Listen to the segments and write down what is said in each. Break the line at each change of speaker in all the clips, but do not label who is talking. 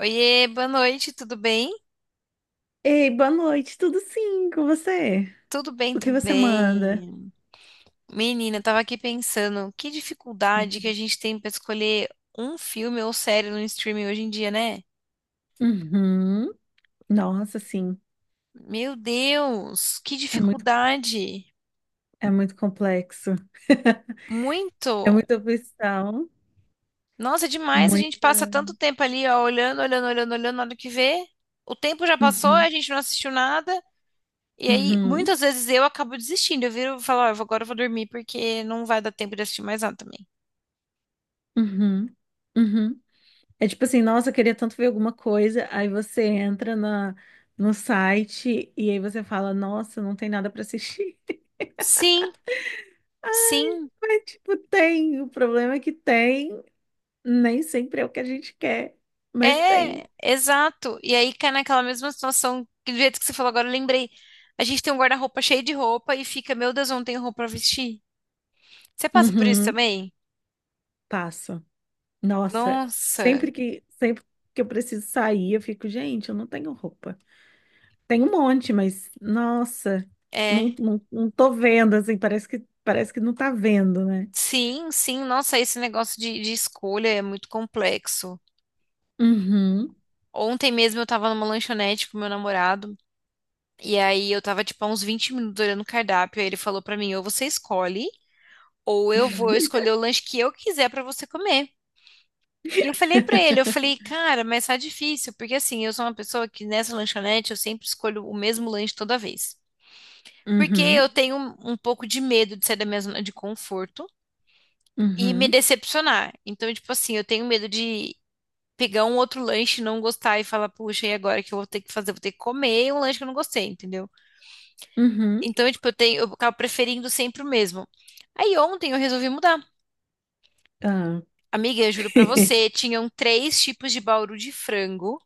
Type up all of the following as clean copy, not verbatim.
Oiê, boa noite, tudo bem?
Ei, boa noite, tudo sim com você?
Tudo bem
O que você manda?
também. Menina, eu tava aqui pensando, que dificuldade que a gente tem pra escolher um filme ou série no streaming hoje em dia, né?
Uhum. Nossa, sim,
Meu Deus, que
é muito,
dificuldade!
é muito complexo.
Muito!
É muita opção,
Nossa, é demais, a gente
muita.
passa tanto tempo ali, ó, olhando, olhando, olhando, olhando, na hora que vê, o tempo já passou, a
Uhum,
gente não assistiu nada, e aí
uhum,
muitas vezes eu acabo desistindo, eu viro e falo, ó, agora eu vou dormir porque não vai dar tempo de assistir mais nada também.
uhum, uhum. É tipo assim, nossa, eu queria tanto ver alguma coisa. Aí você entra no site e aí você fala, nossa, não tem nada pra assistir.
Sim, sim.
Mas, tipo, tem. O problema é que tem. Nem sempre é o que a gente quer, mas tem.
É, exato. E aí cai naquela mesma situação que do jeito que você falou agora, eu lembrei. A gente tem um guarda-roupa cheio de roupa e fica, meu Deus, eu não tenho roupa pra vestir. Você passa por isso
Uhum.
também?
Passa. Nossa,
Nossa,
sempre que eu preciso sair, eu fico, gente, eu não tenho roupa. Tem um monte, mas nossa,
é.
não tô vendo assim, parece que não tá vendo, né?
Sim, sim, nossa, esse negócio de escolha é muito complexo.
Uhum,
Ontem mesmo eu tava numa lanchonete com meu namorado, e aí eu tava tipo há uns 20 minutos olhando o cardápio, aí ele falou pra mim, ou você escolhe, ou eu vou escolher o lanche que eu quiser pra você comer. E eu falei pra ele, eu falei, cara, mas tá difícil, porque assim, eu sou uma pessoa que nessa lanchonete eu sempre escolho o mesmo lanche toda vez. Porque eu
uhum,
tenho um pouco de medo de sair da minha zona de conforto e me
uhum,
decepcionar. Então, tipo assim, eu tenho medo de pegar um outro lanche, e não gostar e falar, puxa, e agora o que eu vou ter que fazer? Vou ter que comer um lanche que eu não gostei, entendeu?
uhum.
Então, tipo, eu tenho, eu acabo preferindo sempre o mesmo. Aí ontem eu resolvi mudar.
Ah.
Amiga, eu juro pra você, tinham 3 tipos de bauru de frango.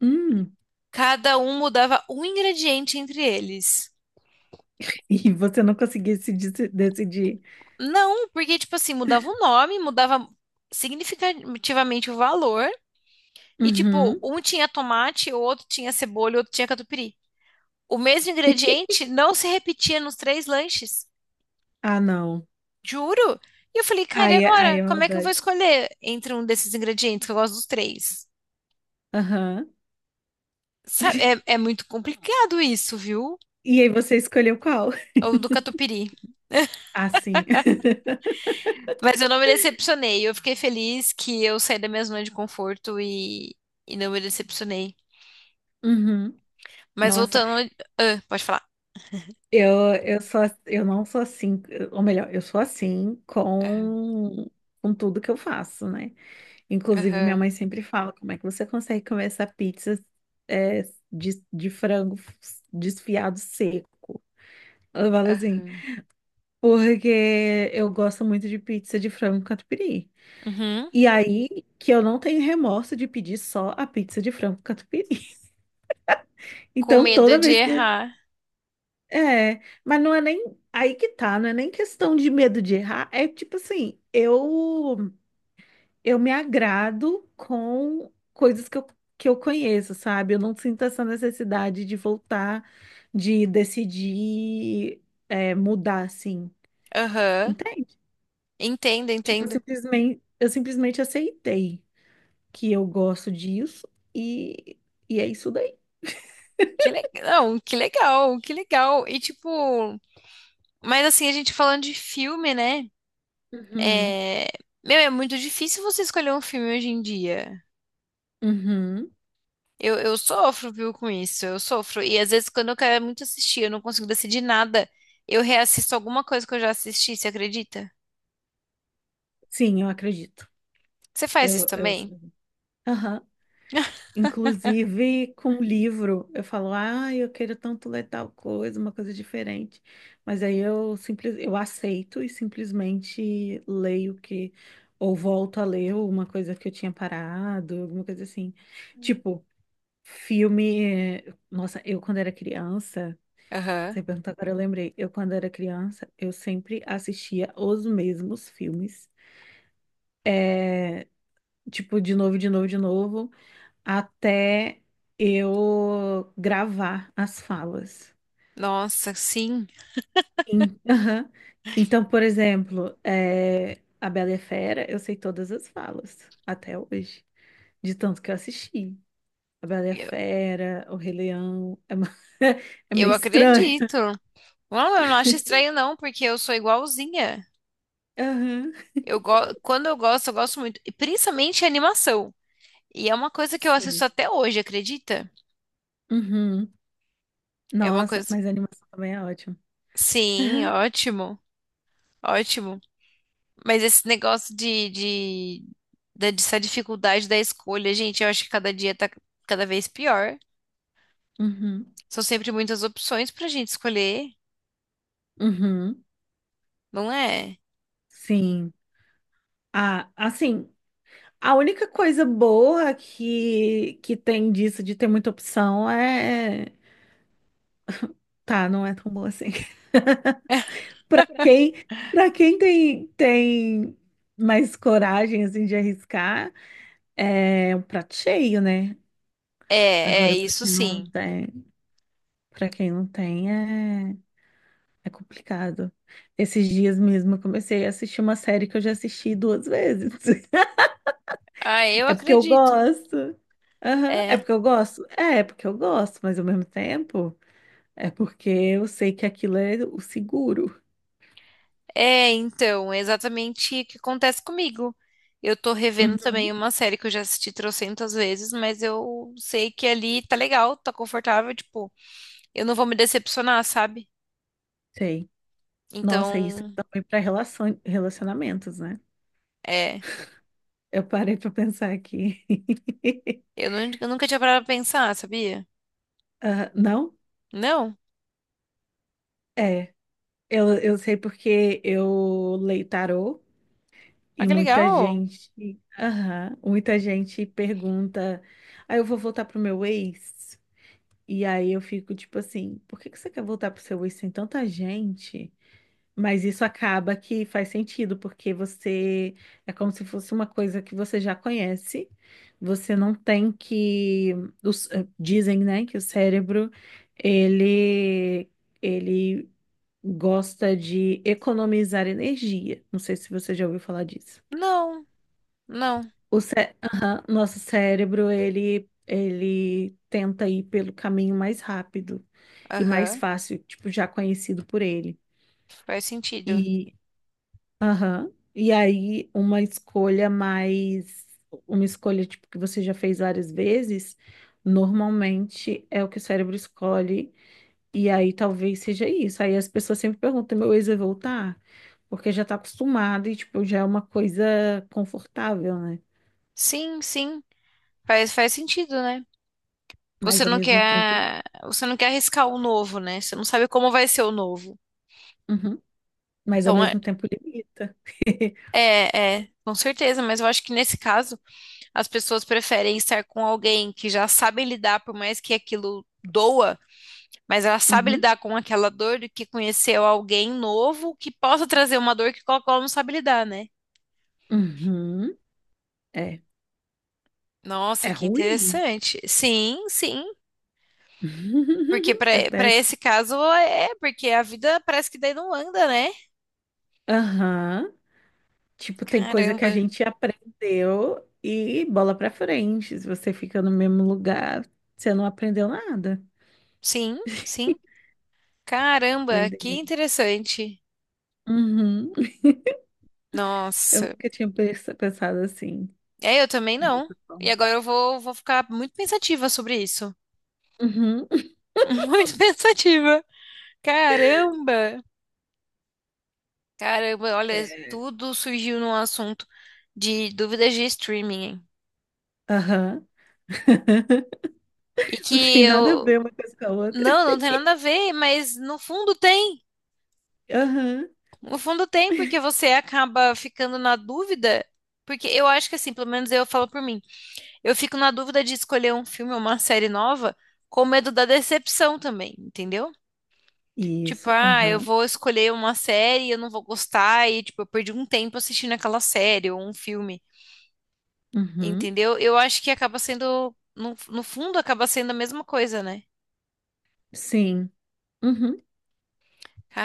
Hum.
Cada um mudava um ingrediente entre eles.
E você não conseguia se deci- decidir.
Não, porque, tipo assim, mudava o nome, mudava significativamente o valor. E, tipo,
Uhum.
um tinha tomate, o outro tinha cebola, o outro tinha catupiry. O mesmo ingrediente não se repetia nos 3 lanches.
Ah, não.
Juro? E eu falei, cara, e
Aí, aí
agora?
é
Como é que eu vou
maldade.
escolher entre um desses ingredientes, que eu gosto dos três?
Aham.
Sabe, é muito complicado isso, viu?
E aí você escolheu qual?
Ou do catupiry.
Ah, sim.
Mas eu não me decepcionei. Eu fiquei feliz que eu saí da minha zona de conforto e não me decepcionei.
Uhum.
Mas
Nossa,
voltando. Ah, pode falar.
eu sou, eu não sou assim, ou melhor, eu sou assim
Aham,
com tudo que eu faço, né? Inclusive, minha
aham,
mãe sempre fala, como é que você consegue comer essa pizza é, de frango desfiado seco? Ela fala assim,
aham.
porque eu gosto muito de pizza de frango catupiry.
Uhum.
E aí que eu não tenho remorso de pedir só a pizza de frango catupiry.
Com
Então,
medo
toda
de
vez que
errar.
É, mas não é nem aí que tá, não é nem questão de medo de errar, é tipo assim, eu me agrado com coisas que eu conheço, sabe? Eu não sinto essa necessidade de voltar, de decidir mudar assim,
Aham.
entende?
Entendo,
Tipo,
entendo.
eu simplesmente aceitei que eu gosto disso e, e é isso daí.
Que legal. Não, que legal, que legal. E tipo, mas assim, a gente falando de filme, né?
Uhum,
É... Meu, é muito difícil você escolher um filme hoje em dia.
uhum.
Eu sofro, viu, com isso. Eu sofro. E às vezes, quando eu quero muito assistir, eu não consigo decidir nada. Eu reassisto alguma coisa que eu já assisti, você acredita?
Sim, eu acredito.
Você faz isso
Eu...
também?
Aham. Inclusive com livro, eu falo, ah, eu quero tanto ler tal coisa, uma coisa diferente. Mas aí eu aceito e simplesmente leio que, ou volto a ler uma coisa que eu tinha parado, alguma coisa assim. Tipo, filme. Nossa, eu quando era criança,
Aham.
você perguntou agora, eu lembrei. Eu quando era criança, eu sempre assistia os mesmos filmes. É, tipo, de novo, de novo, de novo. Até eu gravar as falas.
Nossa, sim.
Aham. Então, por exemplo, A Bela e a Fera, eu sei todas as falas, até hoje, de tanto que eu assisti. A Bela e a
Eu,
Fera, O Rei Leão, é meio
eu
estranho.
acredito. Não, eu não acho estranho, não, porque eu sou igualzinha.
Aham.
Eu go... Quando eu gosto muito. E principalmente animação. E é uma coisa que eu assisto
Sim.
até hoje, acredita?
Uhum.
É uma
Nossa,
coisa.
mas a animação também é ótima.
Sim, ótimo. Ótimo. Mas esse negócio dessa dificuldade da escolha, gente, eu acho que cada dia tá cada vez pior.
Uhum.
São sempre muitas opções pra gente escolher,
Uhum.
não é?
Sim. Ah, assim. A única coisa boa que tem disso, de ter muita opção, é. Tá, não é tão boa assim. Pra quem, para quem tem mais coragem, assim, de arriscar, é um prato cheio, né?
É, é
Agora,
isso sim.
pra quem não tem, é complicado. Esses dias mesmo eu comecei a assistir uma série que eu já assisti duas vezes.
Ah, eu
É porque eu
acredito.
gosto. Aham, é
É,
porque eu gosto? É, é porque eu gosto, mas ao mesmo tempo. É porque eu sei que aquilo é o seguro.
é exatamente o que acontece comigo. Eu tô revendo
Uhum.
também uma série que eu já assisti trocentas vezes, mas eu sei que ali tá legal, tá confortável, tipo, eu não vou me decepcionar, sabe?
Sei. Nossa, isso
Então,
é também para relacionamentos, né?
é,
Eu parei para pensar aqui.
eu nunca tinha parado pra pensar, sabia?
Ah, não?
Não?
É. Eu sei porque eu leio tarô
Ah,
e
que
muita
legal.
gente. Aham, muita gente pergunta. Aí eu vou voltar pro meu ex. E aí eu fico tipo assim: por que que você quer voltar pro seu ex? Tem tanta gente. Mas isso acaba que faz sentido, porque você é como se fosse uma coisa que você já conhece. Você não tem que dizem, né, que o cérebro ele ele gosta de economizar energia. Não sei se você já ouviu falar disso.
Não, não.
Aham, nosso cérebro ele tenta ir pelo caminho mais rápido e mais
Aham.
fácil, tipo já conhecido por ele.
Faz sentido.
Aham. E aí, uma escolha tipo que você já fez várias vezes, normalmente é o que o cérebro escolhe. E aí talvez seja isso. Aí as pessoas sempre perguntam, meu ex vai voltar? Porque já tá acostumado e tipo, já é uma coisa confortável, né?
Sim, sim. Faz, faz sentido, né?
Mas ao mesmo tempo,
Você não quer arriscar o novo, né? Você não sabe como vai ser o novo.
Uhum. Mas ao
Então, é,
mesmo tempo limita.
é, com certeza, mas eu acho que nesse caso as pessoas preferem estar com alguém que já sabe lidar, por mais que aquilo doa, mas ela sabe
Uhum.
lidar com aquela dor do que conhecer alguém novo que possa trazer uma dor que qual não sabe lidar, né?
Uhum. É,
Nossa,
é
que
ruim.
interessante. Sim, sim. Porque
É
para
péssimo.
esse caso é, porque a vida parece que daí não anda, né?
Aham. Tipo, tem coisa que a
Caramba.
gente aprendeu e bola pra frente. Se você fica no mesmo lugar, você não aprendeu nada.
Sim, sim. Caramba, que
Doideira.
interessante.
Uhum. Eu
Nossa.
nunca tinha pensado assim,
É, eu também não.
dessa
E
forma.
agora vou ficar muito pensativa sobre isso.
Uhum.
Muito pensativa. Caramba. Caramba, olha,
É.
tudo surgiu num assunto de dúvidas de streaming.
Aham.
E
Não
que
tem nada a
eu.
ver uma coisa com a outra.
Não, não tem nada a ver, mas no fundo tem.
Aham.
No fundo tem, porque você acaba ficando na dúvida, porque eu acho que assim, pelo menos eu falo por mim, eu fico na dúvida de escolher um filme ou uma série nova com medo da decepção também, entendeu? Tipo,
Isso.
ah, eu
Aham.
vou escolher uma série, e eu não vou gostar, e tipo, eu perdi um tempo assistindo aquela série ou um filme,
Uhum.
entendeu? Eu acho que acaba sendo, no fundo, acaba sendo a mesma coisa, né?
Sim. Uhum.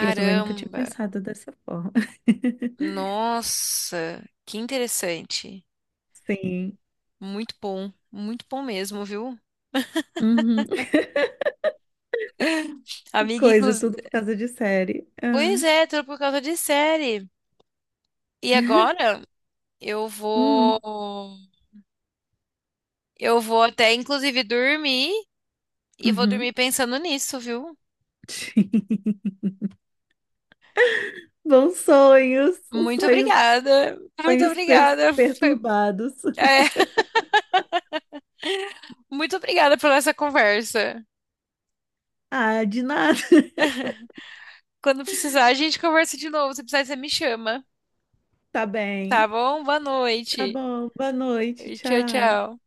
E eu também nunca tinha pensado dessa forma.
nossa, que interessante.
Sim.
Muito bom mesmo, viu?
Uhum. Que
Amiga,
coisa,
inclusive.
tudo por causa de série.
Pois
Ah.
é, tudo por causa de série. E agora eu vou.
Uhum.
Eu vou até, inclusive, dormir e vou
Uhum.
dormir pensando nisso, viu?
Sim. Bons sonhos, os
Muito
sonhos,
obrigada. Muito
sonhos
obrigada. Foi-
perturbados.
é, muito obrigada pela essa conversa.
Ah, de nada.
Quando precisar, a gente conversa de novo. Se precisar, você me chama.
Tá
Tá
bem.
bom? Boa
Tá
noite.
bom. Boa noite.
Tchau,
Tchau.
tchau.